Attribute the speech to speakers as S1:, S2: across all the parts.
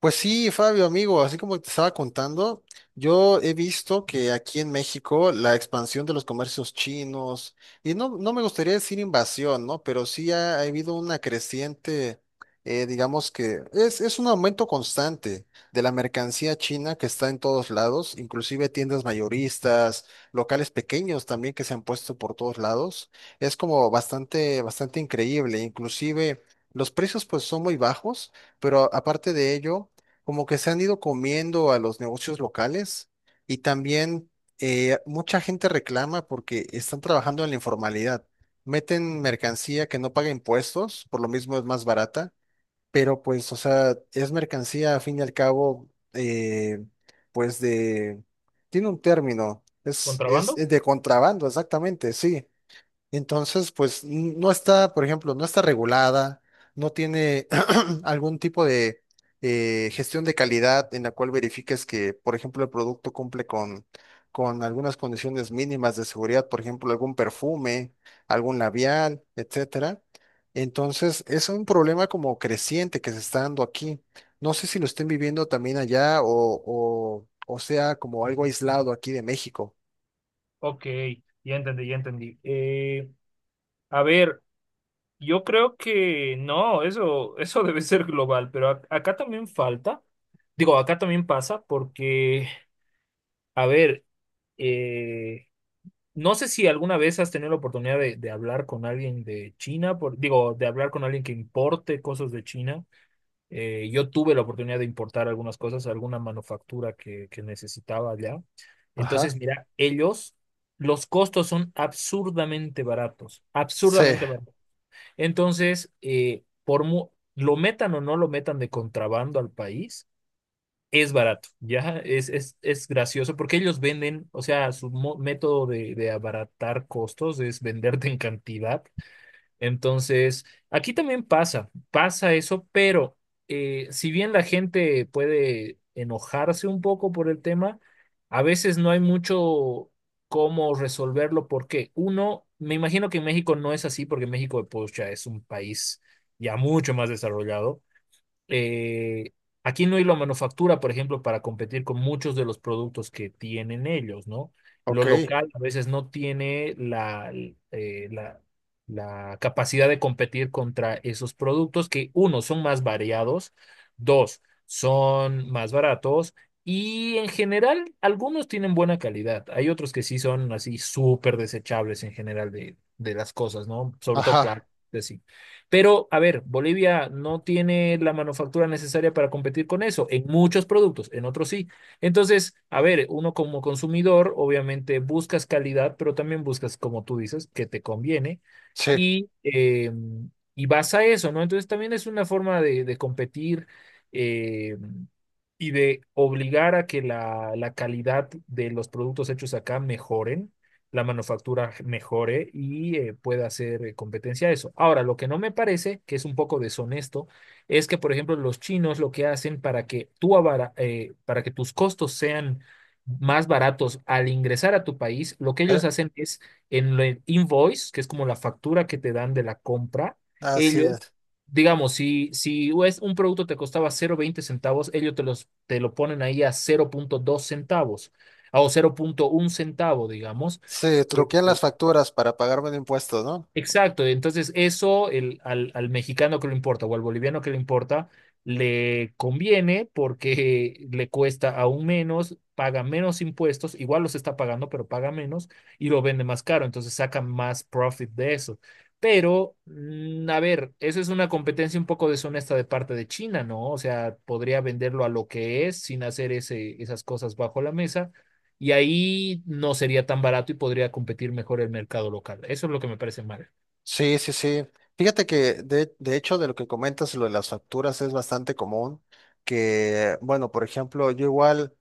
S1: Pues sí, Fabio, amigo, así como te estaba contando, yo he visto que aquí en México la expansión de los comercios chinos, y no, no me gustaría decir invasión, ¿no? Pero sí ha habido una creciente, digamos que es un aumento constante de la mercancía china que está en todos lados, inclusive tiendas mayoristas, locales pequeños también que se han puesto por todos lados. Es como bastante, bastante increíble, inclusive los precios pues son muy bajos, pero aparte de ello como que se han ido comiendo a los negocios locales y también mucha gente reclama porque están trabajando en la informalidad. Meten mercancía que no paga impuestos, por lo mismo es más barata, pero pues, o sea, es mercancía a fin y al cabo, pues de, tiene un término, es, es
S2: ¿Contrabando?
S1: es de contrabando, exactamente, sí. Entonces, pues no está, por ejemplo, no está regulada, no tiene algún tipo de gestión de calidad en la cual verifiques que, por ejemplo, el producto cumple con algunas condiciones mínimas de seguridad, por ejemplo, algún perfume, algún labial, etcétera. Entonces, es un problema como creciente que se está dando aquí. No sé si lo estén viviendo también allá o, o sea como algo aislado aquí de México.
S2: Ok, ya entendí, ya entendí. A ver, yo creo que no, eso debe ser global, pero acá también falta, digo, acá también pasa porque, a ver, eh, no sé si alguna vez has tenido la oportunidad de hablar con alguien de China, por, digo, de hablar con alguien que importe cosas de China. Yo tuve la oportunidad de importar algunas cosas, alguna manufactura que necesitaba allá. Entonces,
S1: Ajá.
S2: mira, ellos, los costos son absurdamente baratos,
S1: Sí,
S2: absurdamente baratos. Entonces, lo metan o no lo metan de contrabando al país, es barato, ¿ya? Es gracioso porque ellos venden, o sea, método de abaratar costos es venderte en cantidad, entonces, aquí también pasa, pasa eso, pero si bien la gente puede enojarse un poco por el tema, a veces no hay mucho cómo resolverlo porque uno, me imagino que en México no es así porque México, pues, ya es un país ya mucho más desarrollado. eh, Aquí no hay la manufactura, por ejemplo, para competir con muchos de los productos que tienen ellos, ¿no? Lo
S1: ok.
S2: local a veces no tiene la, la, la capacidad de competir contra esos productos que, uno, son más variados, dos, son más baratos. Y en general, algunos tienen buena calidad. Hay otros que sí son así súper desechables en general de las cosas, ¿no? Sobre todo
S1: Ajá.
S2: plásticos, sí. Pero, a ver, Bolivia no tiene la manufactura necesaria para competir con eso, en muchos productos, en otros sí. Entonces, a ver, uno como consumidor, obviamente buscas calidad, pero también buscas, como tú dices, que te conviene
S1: Sí,
S2: y, eh, y vas a eso, ¿no? Entonces, también es una forma de competir. eh, y de obligar a que la calidad de los productos hechos acá mejoren, la manufactura mejore y pueda hacer competencia a eso. Ahora, lo que no me parece, que es un poco deshonesto, es que, por ejemplo, los chinos lo que hacen para que para que tus costos sean más baratos al ingresar a tu país, lo que ellos
S1: ¿eh?
S2: hacen es en el invoice, que es como la factura que te dan de la compra,
S1: Así
S2: ellos,
S1: es.
S2: digamos, si es un producto te costaba cero coma veinte centavos, ellos te, los, te lo ponen ahí a cero punto dos centavos o 0.1 centavo, digamos.
S1: Sí,
S2: Eh,
S1: truquean
S2: eh,
S1: las facturas para pagarme de impuestos, ¿no?
S2: Exacto, entonces eso el, al, al mexicano que le importa o al boliviano que le importa, le conviene porque le cuesta aún menos, paga menos impuestos, igual los está pagando, pero paga menos y lo vende más caro, entonces saca más profit de eso. Pero, a ver, eso es una competencia un poco deshonesta de parte de China, ¿no? O sea, podría venderlo a lo que es sin hacer esas cosas bajo la mesa y ahí no sería tan barato y podría competir mejor el mercado local. Eso es lo que me parece mal.
S1: Sí, sí, sí. Fíjate que de hecho de lo que comentas, lo de las facturas es bastante común, que, bueno, por ejemplo, yo igual...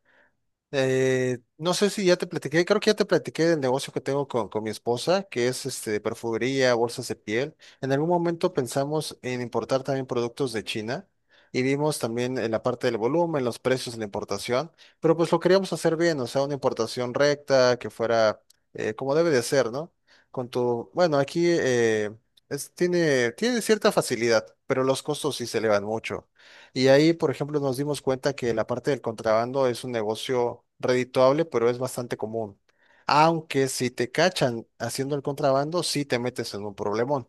S1: No sé si ya te platiqué, creo que ya te platiqué del negocio que tengo con mi esposa, que es este, de perfumería, bolsas de piel. En algún momento pensamos en importar también productos de China y vimos también en la parte del volumen, los precios de la importación, pero pues lo queríamos hacer bien, o sea, una importación recta, que fuera como debe de ser, ¿no? Con tu, bueno, aquí tiene cierta facilidad, pero los costos sí se elevan mucho. Y ahí, por ejemplo, nos dimos cuenta que la parte del contrabando es un negocio redituable, pero es bastante común. Aunque si te cachan haciendo el contrabando, sí te metes en un problemón.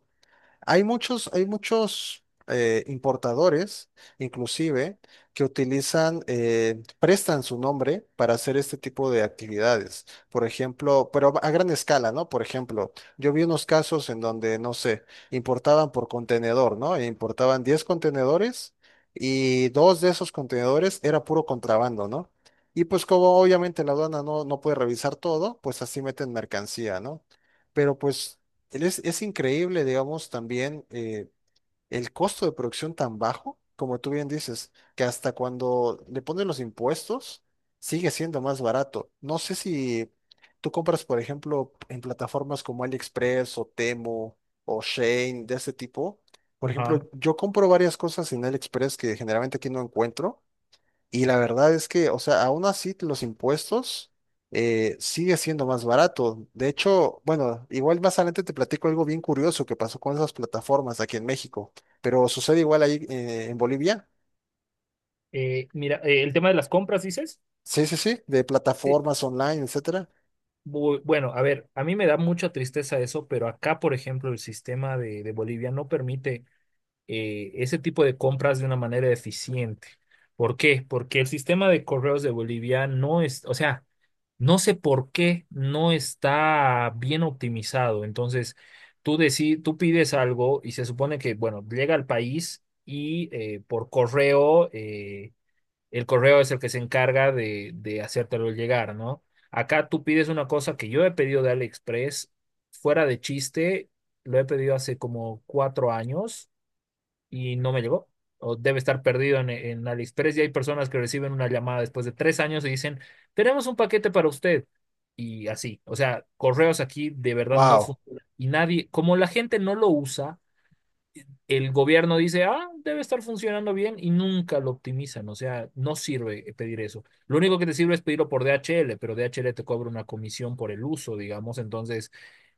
S1: Hay muchos importadores, inclusive, que utilizan, prestan su nombre para hacer este tipo de actividades. Por ejemplo, pero a gran escala, ¿no? Por ejemplo, yo vi unos casos en donde, no sé, importaban por contenedor, ¿no? E importaban 10 contenedores y dos de esos contenedores era puro contrabando, ¿no? Y pues como obviamente la aduana no, no puede revisar todo, pues así meten mercancía, ¿no? Pero pues... es increíble, digamos, también el costo de producción tan bajo, como tú bien dices, que hasta cuando le ponen los impuestos sigue siendo más barato. No sé si tú compras, por ejemplo, en plataformas como AliExpress o Temu o Shein de ese tipo. Por
S2: Ajá.
S1: ejemplo, yo compro varias cosas en AliExpress que generalmente aquí no encuentro y la verdad es que, o sea, aún así los impuestos sigue siendo más barato. De hecho, bueno, igual más adelante te platico algo bien curioso que pasó con esas plataformas aquí en México, pero sucede igual ahí en Bolivia.
S2: Mira, el tema de las compras, dices.
S1: Sí, sí, sí, de
S2: Sí,
S1: plataformas online, etcétera.
S2: Bueno, a ver, a mí me da mucha tristeza eso, pero acá, por ejemplo, el sistema de Bolivia no permite ese tipo de compras de una manera eficiente. ¿Por qué? Porque el sistema de correos de Bolivia no es, o sea, no sé por qué no está bien optimizado. Entonces, tú pides algo y se supone que, bueno, llega al país y por correo. El correo es el que se encarga de hacértelo llegar, ¿no? Acá tú pides una cosa que yo he pedido de AliExpress, fuera de chiste, lo he pedido hace como 4 años y no me llegó. O debe estar perdido en AliExpress y hay personas que reciben una llamada después de 3 años y dicen, tenemos un paquete para usted. Y así, o sea, correos aquí de verdad no
S1: Wow.
S2: funcionan. Y nadie, como la gente no lo usa, el gobierno dice, ah, debe estar funcionando bien y nunca lo optimizan. O sea, no sirve pedir eso. Lo único que te sirve es pedirlo por DHL, pero DHL te cobra una comisión por el uso, digamos. Entonces,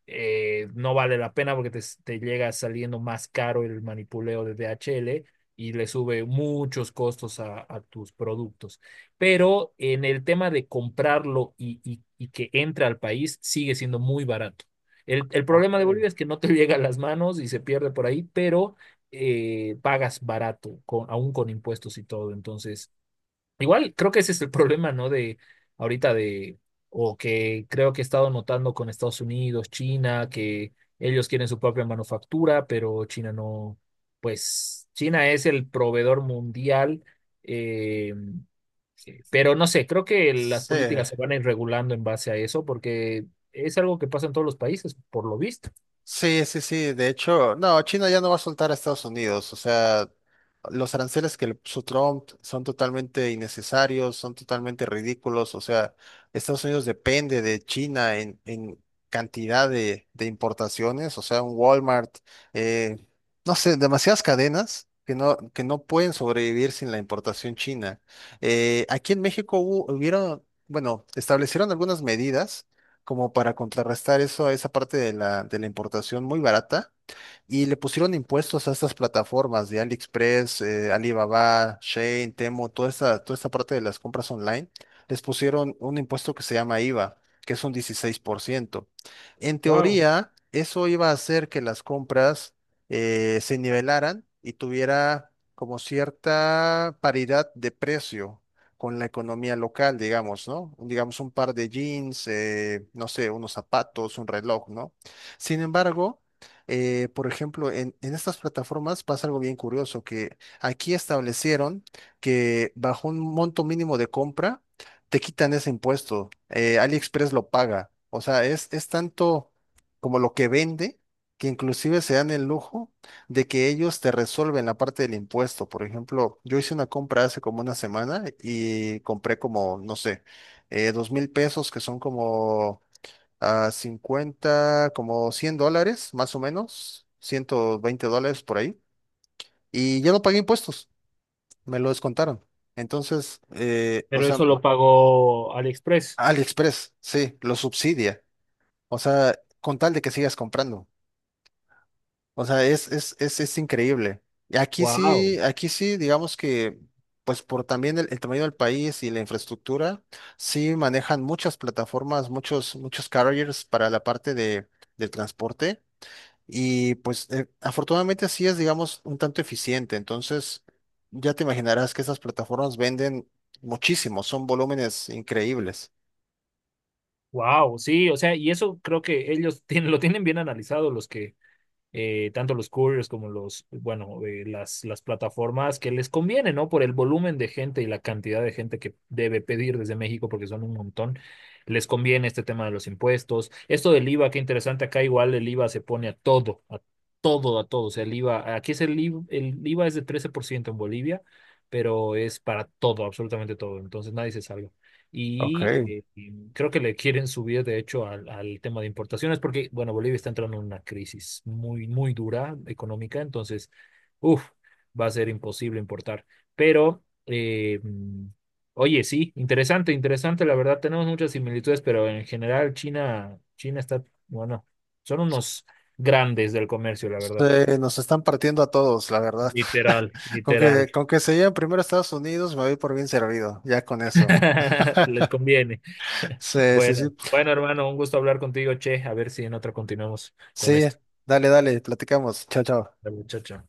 S2: no vale la pena porque te llega saliendo más caro el manipuleo de DHL y le sube muchos costos a tus productos. Pero en el tema de comprarlo y que entre al país, sigue siendo muy barato. El problema de
S1: Ok.
S2: Bolivia es que no te llega a las manos y se pierde por ahí, pero pagas barato, con, aún con impuestos y todo. Entonces, igual creo que ese es el problema, ¿no? De ahorita de, o que creo que he estado notando con Estados Unidos, China, que ellos quieren su propia manufactura, pero China no, pues China es el proveedor mundial, eh, pero no sé, creo que las
S1: Sí.
S2: políticas se van a ir regulando en base a eso, porque es algo que pasa en todos los países, por lo visto.
S1: Sí, sí, sí. De hecho, no, China ya no va a soltar a Estados Unidos. O sea, los aranceles que le puso Trump son totalmente innecesarios, son totalmente ridículos. O sea, Estados Unidos depende de China en cantidad de importaciones. O sea, un Walmart, eh, no sé, demasiadas cadenas. Que no pueden sobrevivir sin la importación china. Aquí en México bueno, establecieron algunas medidas como para contrarrestar esa parte de la importación muy barata y le pusieron impuestos a estas plataformas de AliExpress, Alibaba, Shein, Temu, toda esta parte de las compras online, les pusieron un impuesto que se llama IVA, que es un 16%. En
S2: Wow.
S1: teoría, eso iba a hacer que las compras se nivelaran y tuviera como cierta paridad de precio con la economía local, digamos, ¿no? Digamos un par de jeans, no sé, unos zapatos, un reloj, ¿no? Sin embargo, por ejemplo, en estas plataformas pasa algo bien curioso, que aquí establecieron que bajo un monto mínimo de compra te quitan ese impuesto. AliExpress lo paga. O sea, es tanto como lo que vende que inclusive se dan el lujo de que ellos te resuelven la parte del impuesto. Por ejemplo, yo hice una compra hace como una semana y compré como, no sé, 2.000 pesos, que son como a 50 como $100, más o menos, $120 por ahí, y yo no pagué impuestos, me lo descontaron. Entonces, o
S2: Pero
S1: sea,
S2: eso lo pagó AliExpress.
S1: AliExpress, sí, lo subsidia, o sea, con tal de que sigas comprando, o sea, es increíble. Y
S2: Wow.
S1: aquí sí, digamos que, pues por también el tamaño del país y la infraestructura, sí manejan muchas plataformas, muchos carriers para la parte de, del transporte. Y pues afortunadamente así es, digamos, un tanto eficiente. Entonces, ya te imaginarás que esas plataformas venden muchísimo, son volúmenes increíbles.
S2: Wow, sí, o sea, y eso creo que ellos tienen, lo tienen bien analizado, los que, tanto los couriers como los, bueno, las plataformas que les conviene, ¿no? Por el volumen de gente y la cantidad de gente que debe pedir desde México, porque son un montón, les conviene este tema de los impuestos. Esto del IVA, qué interesante, acá igual el IVA se pone a todo, a todo, a todo. O sea, el IVA, aquí es el IVA, el IVA es de 13% en Bolivia, pero es para todo, absolutamente todo. Entonces nadie se salva.
S1: Ok.
S2: Y creo que le quieren subir, de hecho, al, al tema de importaciones, porque, bueno, Bolivia está entrando en una crisis muy, muy dura económica, entonces, uff, va a ser imposible importar. Pero, oye, sí, interesante, interesante, la verdad, tenemos muchas similitudes, pero en general China, China está, bueno, son unos grandes del comercio, la verdad.
S1: Nos están partiendo a todos, la verdad.
S2: Literal,
S1: Con
S2: literal.
S1: que, con que se lleven primero a Estados Unidos, me voy por bien servido, ya con eso.
S2: Les conviene.
S1: Sí, sí, sí.
S2: Bueno, bueno, hermano, un gusto hablar contigo, che. A ver si en otra continuamos con
S1: Sí,
S2: esto.
S1: dale, dale, platicamos. Chao, chao.
S2: Dale, chao, chao.